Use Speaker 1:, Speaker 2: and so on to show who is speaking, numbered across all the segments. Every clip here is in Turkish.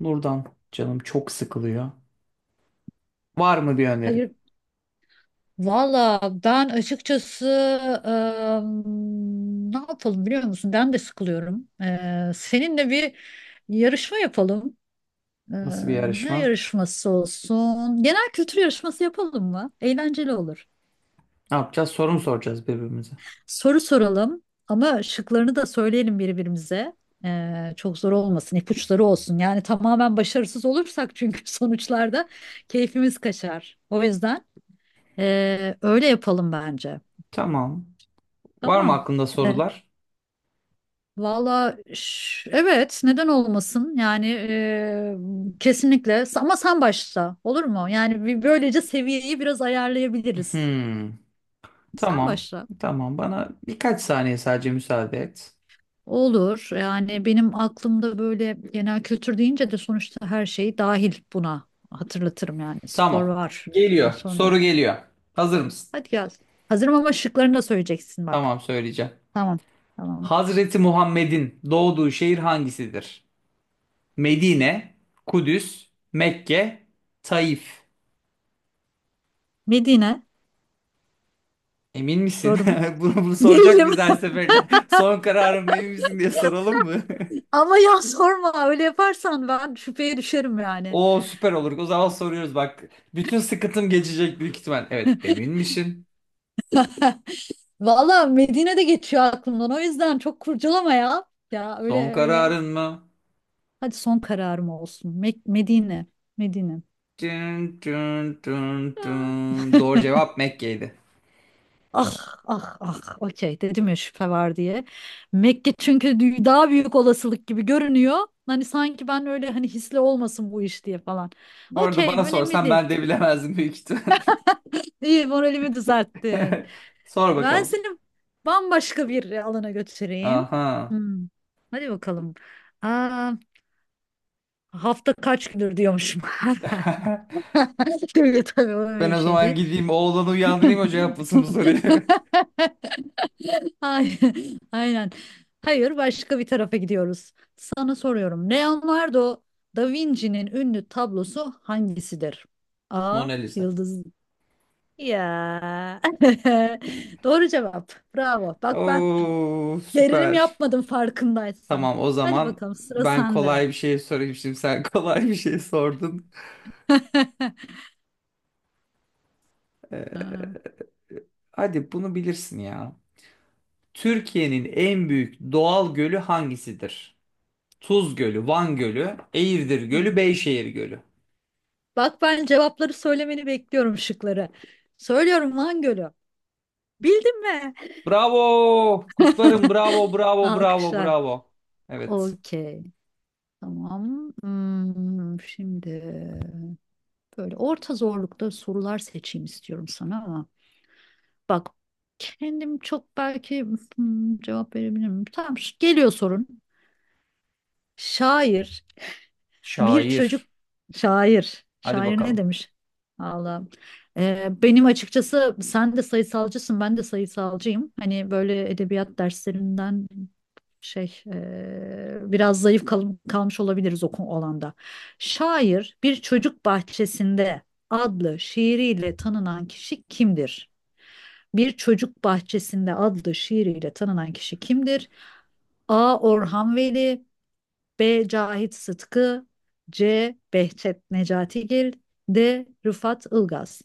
Speaker 1: Nurdan canım çok sıkılıyor. Var mı bir önerin?
Speaker 2: Hayır, valla ben açıkçası ne yapalım biliyor musun? Ben de sıkılıyorum. Seninle bir yarışma yapalım. Eee,
Speaker 1: Nasıl bir
Speaker 2: Ne
Speaker 1: yarışma?
Speaker 2: yarışması olsun? Genel kültür yarışması yapalım mı? Eğlenceli olur.
Speaker 1: Ne yapacağız? Soru mu soracağız birbirimize?
Speaker 2: Soru soralım ama şıklarını da söyleyelim birbirimize. Çok zor olmasın, ipuçları olsun. Yani tamamen başarısız olursak çünkü sonuçlarda keyfimiz kaçar. O yüzden öyle yapalım bence.
Speaker 1: Tamam. Var mı
Speaker 2: Tamam.
Speaker 1: aklında
Speaker 2: E,
Speaker 1: sorular?
Speaker 2: Valla evet, neden olmasın yani, kesinlikle ama sen başla, olur mu? Yani böylece seviyeyi biraz ayarlayabiliriz.
Speaker 1: Hmm.
Speaker 2: Sen
Speaker 1: Tamam.
Speaker 2: başla.
Speaker 1: Tamam. Bana birkaç saniye sadece müsaade et.
Speaker 2: Olur. Yani benim aklımda böyle genel kültür deyince de sonuçta her şey dahil buna, hatırlatırım yani spor
Speaker 1: Tamam.
Speaker 2: var
Speaker 1: Geliyor.
Speaker 2: daha sonra.
Speaker 1: Soru geliyor. Hazır mısın?
Speaker 2: Hadi gel. Hazırım ama şıklarını da söyleyeceksin bak.
Speaker 1: Tamam söyleyeceğim.
Speaker 2: Tamam tamam.
Speaker 1: Hazreti Muhammed'in doğduğu şehir hangisidir? Medine, Kudüs, Mekke, Taif.
Speaker 2: Medine,
Speaker 1: Emin misin?
Speaker 2: doğru mu?
Speaker 1: Bunu soracak
Speaker 2: Değilim.
Speaker 1: biz her seferinde. Son kararın mı, emin misin diye soralım mı?
Speaker 2: Ama ya sorma, öyle yaparsan ben şüpheye düşerim yani.
Speaker 1: Oo süper olur. O zaman soruyoruz bak. Bütün sıkıntım geçecek büyük ihtimal. Evet, emin misin?
Speaker 2: Valla Medine de geçiyor aklımdan, o yüzden çok kurcalama ya. Ya,
Speaker 1: Son
Speaker 2: öyle öyle.
Speaker 1: kararın mı?
Speaker 2: Hadi, son kararım olsun. Medine. Medine.
Speaker 1: Tün tün tün
Speaker 2: Ya.
Speaker 1: tün. Doğru cevap Mekke'ydi.
Speaker 2: Ah ah, okey, dedim ya şüphe var diye. Mekke çünkü daha büyük olasılık gibi görünüyor. Hani sanki ben öyle, hani hisli olmasın bu iş diye falan.
Speaker 1: Bu arada
Speaker 2: Okey,
Speaker 1: bana
Speaker 2: önemli
Speaker 1: sorsan
Speaker 2: değil.
Speaker 1: ben de bilemezdim büyük ihtimal.
Speaker 2: İyi, moralimi düzelttin.
Speaker 1: Sor
Speaker 2: Ben
Speaker 1: bakalım.
Speaker 2: seni bambaşka bir alana götüreyim.
Speaker 1: Aha.
Speaker 2: Hmm. Hadi bakalım. Aa, hafta kaç gündür diyormuşum. Değil tabii, o
Speaker 1: Ben
Speaker 2: öyle bir
Speaker 1: o
Speaker 2: şey
Speaker 1: zaman
Speaker 2: değil.
Speaker 1: gideyim oğlanı uyandırayım o cevaplasın bu soruyu.
Speaker 2: Ay, aynen. Hayır, başka bir tarafa gidiyoruz. Sana soruyorum. Leonardo da Vinci'nin ünlü tablosu hangisidir? A.
Speaker 1: Mona Lisa.
Speaker 2: Yıldız. Ya. Doğru cevap. Bravo. Bak ben,
Speaker 1: Oo
Speaker 2: gerilim
Speaker 1: süper.
Speaker 2: yapmadım farkındaysan.
Speaker 1: Tamam o
Speaker 2: Hadi
Speaker 1: zaman
Speaker 2: bakalım, sıra
Speaker 1: ben
Speaker 2: sende.
Speaker 1: kolay bir şey sorayım şimdi sen kolay bir şey sordun. Ee,
Speaker 2: Ha,
Speaker 1: Hadi bunu bilirsin ya. Türkiye'nin en büyük doğal gölü hangisidir? Tuz Gölü, Van Gölü, Eğirdir
Speaker 2: hmm.
Speaker 1: Gölü, Beyşehir Gölü.
Speaker 2: Bak, ben cevapları söylemeni bekliyorum, şıkları. Söylüyorum, Van Gölü. Bildin mi?
Speaker 1: Bravo! Kutlarım, bravo, bravo, bravo,
Speaker 2: Alkışlar.
Speaker 1: bravo. Evet.
Speaker 2: Okey. Tamam. Hmm, şimdi böyle orta zorlukta sorular seçeyim istiyorum sana, ama bak, kendim çok belki, hmm, cevap verebilirim. Tamam, geliyor sorun. Şair, bir çocuk
Speaker 1: Şair.
Speaker 2: şair.
Speaker 1: Hadi
Speaker 2: Şair ne
Speaker 1: bakalım.
Speaker 2: demiş? Allah. Benim açıkçası, sen de sayısalcısın, ben de sayısalcıyım. Hani böyle edebiyat derslerinden şey biraz zayıf kalmış olabiliriz o alanda. Şair, bir çocuk bahçesinde adlı şiiriyle tanınan kişi kimdir? Bir çocuk bahçesinde adlı şiiriyle tanınan kişi kimdir? A. Orhan Veli, B. Cahit Sıtkı, C. Behçet Necatigil, D. Rıfat Ilgaz.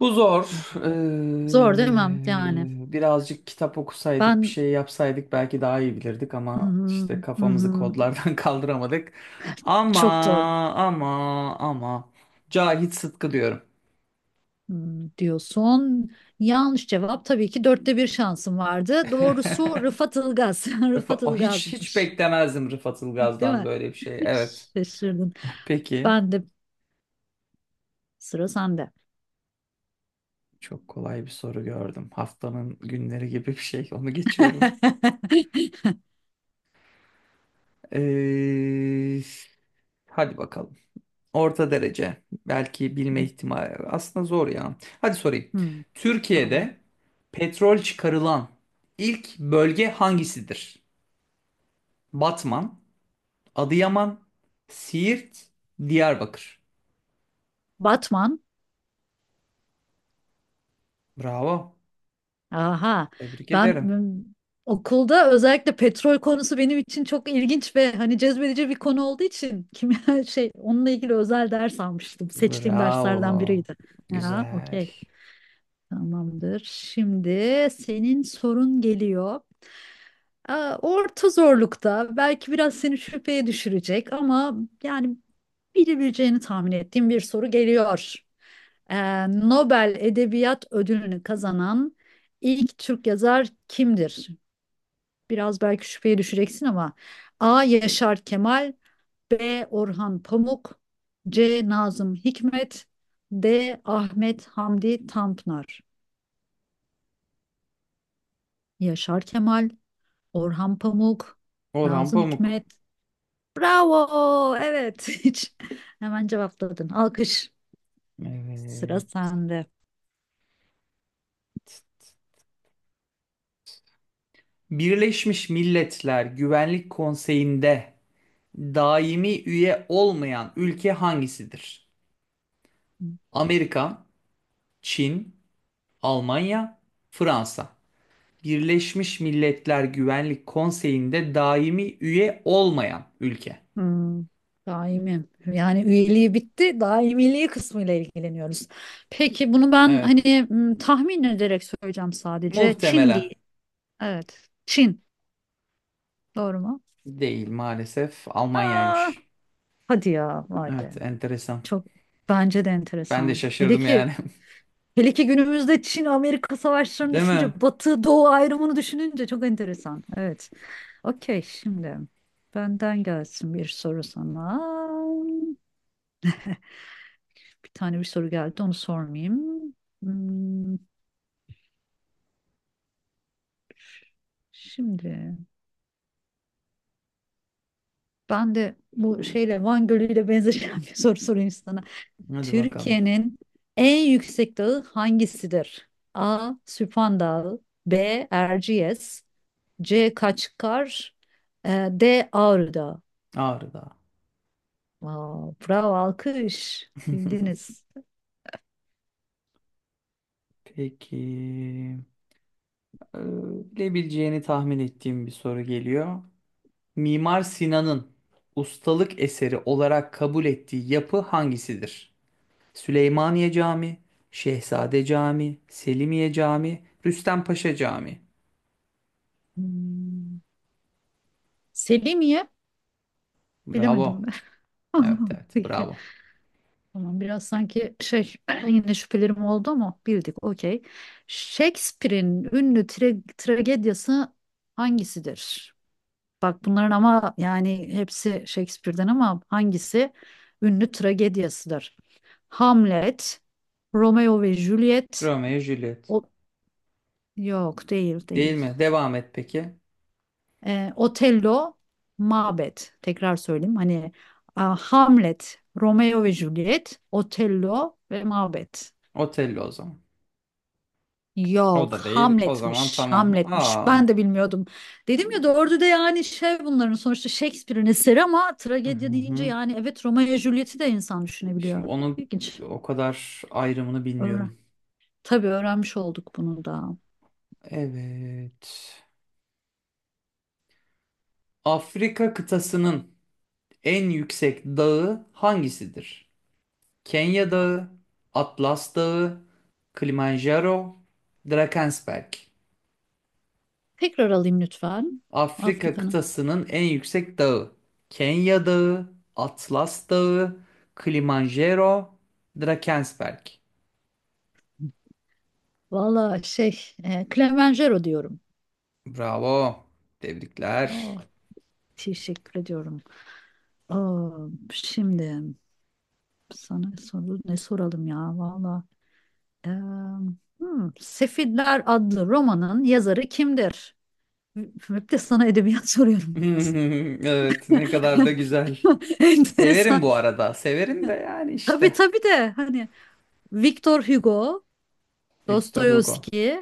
Speaker 1: Bu zor.
Speaker 2: Zor değil mi? Yani
Speaker 1: Birazcık kitap okusaydık, bir
Speaker 2: ben,
Speaker 1: şey yapsaydık belki daha iyi bilirdik
Speaker 2: hı
Speaker 1: ama
Speaker 2: hı,
Speaker 1: işte
Speaker 2: hı
Speaker 1: kafamızı
Speaker 2: hı,
Speaker 1: kodlardan kaldıramadık. Ama
Speaker 2: çok zor.
Speaker 1: ama ama Cahit Sıtkı diyorum.
Speaker 2: Hı, diyorsun. Yanlış cevap tabii ki, dörtte bir şansım vardı. Doğrusu Rıfat Ilgaz. Rıfat
Speaker 1: O hiç hiç
Speaker 2: Ilgaz'mış.
Speaker 1: beklemezdim Rıfat
Speaker 2: Değil
Speaker 1: Ilgaz'dan
Speaker 2: mi?
Speaker 1: böyle bir şey. Evet.
Speaker 2: Şaşırdın.
Speaker 1: Peki.
Speaker 2: Ben de, sıra sende.
Speaker 1: Çok kolay bir soru gördüm. Haftanın günleri gibi bir şey. Onu geçiyorum. Ee, Hadi bakalım. Orta derece. Belki bilme ihtimali. Aslında zor ya. Hadi sorayım.
Speaker 2: Hmm, tamam.
Speaker 1: Türkiye'de petrol çıkarılan ilk bölge hangisidir? Batman, Adıyaman, Siirt, Diyarbakır.
Speaker 2: Batman.
Speaker 1: Bravo.
Speaker 2: Aha,
Speaker 1: Tebrik
Speaker 2: ben
Speaker 1: ederim.
Speaker 2: m, okulda özellikle petrol konusu benim için çok ilginç ve hani cezbedici bir konu olduğu için kimya şey, onunla ilgili özel ders almıştım. Seçtiğim derslerden
Speaker 1: Bravo.
Speaker 2: biriydi. Ya,
Speaker 1: Güzel.
Speaker 2: okey. Tamamdır. Şimdi senin sorun geliyor. Aa, orta zorlukta, belki biraz seni şüpheye düşürecek ama yani bilebileceğini tahmin ettiğim bir soru geliyor. Nobel Edebiyat Ödülünü kazanan ilk Türk yazar kimdir? Biraz belki şüpheye düşeceksin ama, A. Yaşar Kemal, B. Orhan Pamuk, C. Nazım Hikmet, D. Ahmet Hamdi Tanpınar. Yaşar Kemal, Orhan Pamuk,
Speaker 1: Orhan
Speaker 2: Nazım
Speaker 1: Pamuk.
Speaker 2: Hikmet, bravo. Evet. Hiç, hemen cevapladın. Alkış. Sıra
Speaker 1: Evet.
Speaker 2: sende.
Speaker 1: Birleşmiş Milletler Güvenlik Konseyi'nde daimi üye olmayan ülke hangisidir? Amerika, Çin, Almanya, Fransa. Birleşmiş Milletler Güvenlik Konseyi'nde daimi üye olmayan ülke.
Speaker 2: Hmm, daimim. Yani üyeliği bitti. Daimiliği kısmıyla ilgileniyoruz. Peki, bunu ben
Speaker 1: Evet.
Speaker 2: hani, hmm, tahmin ederek söyleyeceğim sadece. Çin
Speaker 1: Muhtemelen
Speaker 2: değil. Evet. Çin. Doğru mu?
Speaker 1: değil, maalesef
Speaker 2: Aa,
Speaker 1: Almanya'ymış.
Speaker 2: hadi ya. Vay be.
Speaker 1: Evet, enteresan.
Speaker 2: Çok, bence de
Speaker 1: Ben de
Speaker 2: enteresan. Hele
Speaker 1: şaşırdım
Speaker 2: ki
Speaker 1: yani.
Speaker 2: hele ki günümüzde Çin Amerika savaşlarını
Speaker 1: Değil mi?
Speaker 2: düşünce, Batı Doğu ayrımını düşününce çok enteresan. Evet. Okey, şimdi benden gelsin bir soru sana. Bir tane bir soru geldi, onu sormayayım. Hmm, şimdi ben de bu şeyle, Van Gölü ile benzeşen bir soru sorayım sana.
Speaker 1: Hadi bakalım.
Speaker 2: Türkiye'nin en yüksek dağı hangisidir? A. Süphan Dağı, B. Erciyes, C. Kaçkar, D. Ağrı Dağı.
Speaker 1: Ağrı Dağı.
Speaker 2: Wow, bravo, alkış, bildiniz.
Speaker 1: Peki. Ee, Bilebileceğini tahmin ettiğim bir soru geliyor. Mimar Sinan'ın ustalık eseri olarak kabul ettiği yapı hangisidir? Süleymaniye Camii, Şehzade Camii, Selimiye Camii, Rüstempaşa Camii.
Speaker 2: Hmm, Selimiye bilemedim.
Speaker 1: Bravo. Evet evet,
Speaker 2: Peki.
Speaker 1: bravo.
Speaker 2: Tamam, biraz sanki şey yine şüphelerim oldu ama bildik, okey. Shakespeare'in ünlü tragediyası hangisidir? Bak, bunların ama yani hepsi Shakespeare'den ama hangisi ünlü tragediyasıdır? Hamlet, Romeo ve Juliet,
Speaker 1: Romeo ve Juliet.
Speaker 2: o, yok, değil
Speaker 1: Değil
Speaker 2: değil.
Speaker 1: mi? Devam et peki.
Speaker 2: Otello, Macbeth. Tekrar söyleyeyim hani, a, Hamlet, Romeo ve Juliet, Otello ve Macbeth.
Speaker 1: Otello o zaman. O
Speaker 2: Yok,
Speaker 1: da değil. O zaman
Speaker 2: Hamlet'miş,
Speaker 1: tamam.
Speaker 2: Hamlet'miş.
Speaker 1: Aa.
Speaker 2: Ben de bilmiyordum. Dedim ya doğru da yani şey, bunların sonuçta Shakespeare'in eseri ama
Speaker 1: Hı
Speaker 2: tragedya deyince
Speaker 1: hı.
Speaker 2: yani, evet, Romeo ve Juliet'i de insan düşünebiliyor.
Speaker 1: Şimdi onun
Speaker 2: İlginç.
Speaker 1: o kadar ayrımını
Speaker 2: Öğren,
Speaker 1: bilmiyorum.
Speaker 2: tabii öğrenmiş olduk bunu da.
Speaker 1: Evet. Afrika kıtasının en yüksek dağı hangisidir? Kenya Dağı, Atlas Dağı, Kilimanjaro, Drakensberg.
Speaker 2: Tekrar alayım lütfen.
Speaker 1: Afrika
Speaker 2: Afrika'nın.
Speaker 1: kıtasının en yüksek dağı. Kenya Dağı, Atlas Dağı, Kilimanjaro, Drakensberg.
Speaker 2: Valla şey, e, Kilimanjaro diyorum.
Speaker 1: Bravo. Tebrikler.
Speaker 2: Oh, teşekkür ediyorum. Oh, şimdi sana soru ne soralım ya valla. Hmm, Sefiller adlı romanın yazarı kimdir? Hep de sana edebiyat soruyorum.
Speaker 1: Evet, ne kadar da güzel.
Speaker 2: Enteresan.
Speaker 1: Severim bu arada. Severim de yani
Speaker 2: Tabii
Speaker 1: işte.
Speaker 2: tabii de hani, Victor Hugo,
Speaker 1: Victor Hugo.
Speaker 2: Dostoyevski.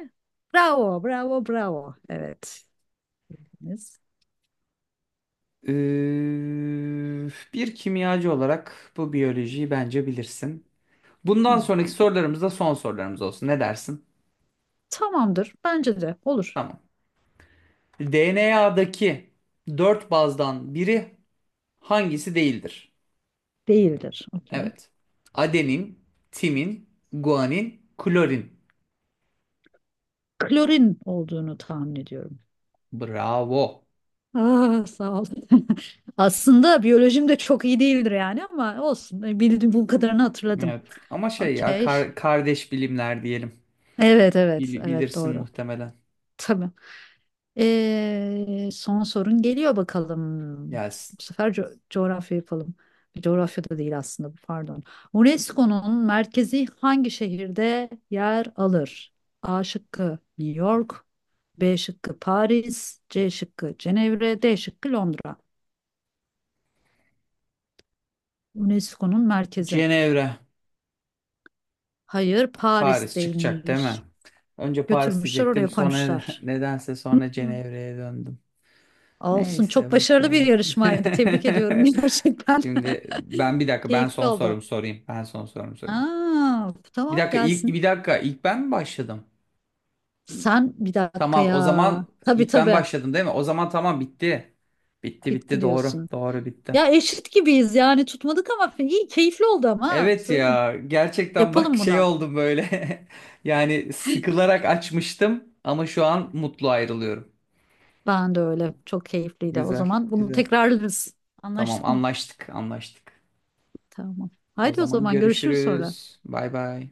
Speaker 2: Bravo. Evet.
Speaker 1: Ee, Bir kimyacı olarak bu biyolojiyi bence bilirsin. Bundan sonraki
Speaker 2: Hmm,
Speaker 1: sorularımız da son sorularımız olsun. Ne dersin?
Speaker 2: tamamdır. Bence de olur.
Speaker 1: Tamam. DNA'daki dört bazdan biri hangisi değildir?
Speaker 2: Değildir. Okey.
Speaker 1: Evet. Adenin, timin, guanin, klorin.
Speaker 2: Klorin olduğunu tahmin ediyorum.
Speaker 1: Bravo.
Speaker 2: Aa, sağ ol. Aslında biyolojim de çok iyi değildir yani ama olsun. Bildiğim bu kadarını hatırladım.
Speaker 1: Evet. Ama şey ya,
Speaker 2: Okey.
Speaker 1: kardeş bilimler diyelim.
Speaker 2: Evet evet evet
Speaker 1: Bilirsin
Speaker 2: doğru.
Speaker 1: muhtemelen.
Speaker 2: Tabii. Son sorun geliyor bakalım.
Speaker 1: Gelsin.
Speaker 2: Bu sefer coğrafya yapalım. Coğrafya da değil aslında bu, pardon. UNESCO'nun merkezi hangi şehirde yer alır? A şıkkı New York, B şıkkı Paris, C şıkkı Cenevre, D şıkkı Londra. UNESCO'nun merkezi.
Speaker 1: Cenevre.
Speaker 2: Hayır,
Speaker 1: Paris çıkacak değil mi?
Speaker 2: Paris'teymiş.
Speaker 1: Önce Paris
Speaker 2: Götürmüşler
Speaker 1: diyecektim.
Speaker 2: oraya
Speaker 1: Sonra
Speaker 2: koymuşlar.
Speaker 1: nedense sonra Cenevre'ye döndüm.
Speaker 2: Olsun. Çok
Speaker 1: Neyse
Speaker 2: başarılı bir
Speaker 1: bakalım.
Speaker 2: yarışmaydı. Tebrik ediyorum gerçekten.
Speaker 1: Şimdi ben, bir dakika, ben
Speaker 2: Keyifli
Speaker 1: son
Speaker 2: oldu.
Speaker 1: sorumu sorayım. Ben son sorumu sorayım.
Speaker 2: Aa,
Speaker 1: Bir
Speaker 2: tamam,
Speaker 1: dakika, ilk,
Speaker 2: gelsin.
Speaker 1: bir dakika, ilk ben mi başladım?
Speaker 2: Sen bir dakika
Speaker 1: Tamam o
Speaker 2: ya.
Speaker 1: zaman
Speaker 2: Tabii
Speaker 1: ilk ben
Speaker 2: tabii.
Speaker 1: başladım değil mi? O zaman tamam, bitti. Bitti
Speaker 2: Bitti
Speaker 1: doğru.
Speaker 2: diyorsun.
Speaker 1: Doğru, bitti.
Speaker 2: Ya, eşit gibiyiz yani, tutmadık ama iyi, keyifli oldu ama, ha,
Speaker 1: Evet
Speaker 2: söyleyeyim.
Speaker 1: ya, gerçekten bak,
Speaker 2: Yapalım
Speaker 1: şey
Speaker 2: bunu.
Speaker 1: oldum böyle. Yani sıkılarak açmıştım ama şu an mutlu ayrılıyorum.
Speaker 2: Ben de öyle. Çok keyifliydi. O
Speaker 1: Güzel
Speaker 2: zaman bunu
Speaker 1: güzel.
Speaker 2: tekrarlarız.
Speaker 1: Tamam,
Speaker 2: Anlaştık mı?
Speaker 1: anlaştık.
Speaker 2: Tamam.
Speaker 1: O
Speaker 2: Haydi, o
Speaker 1: zaman
Speaker 2: zaman görüşürüz sonra.
Speaker 1: görüşürüz. Bay bay.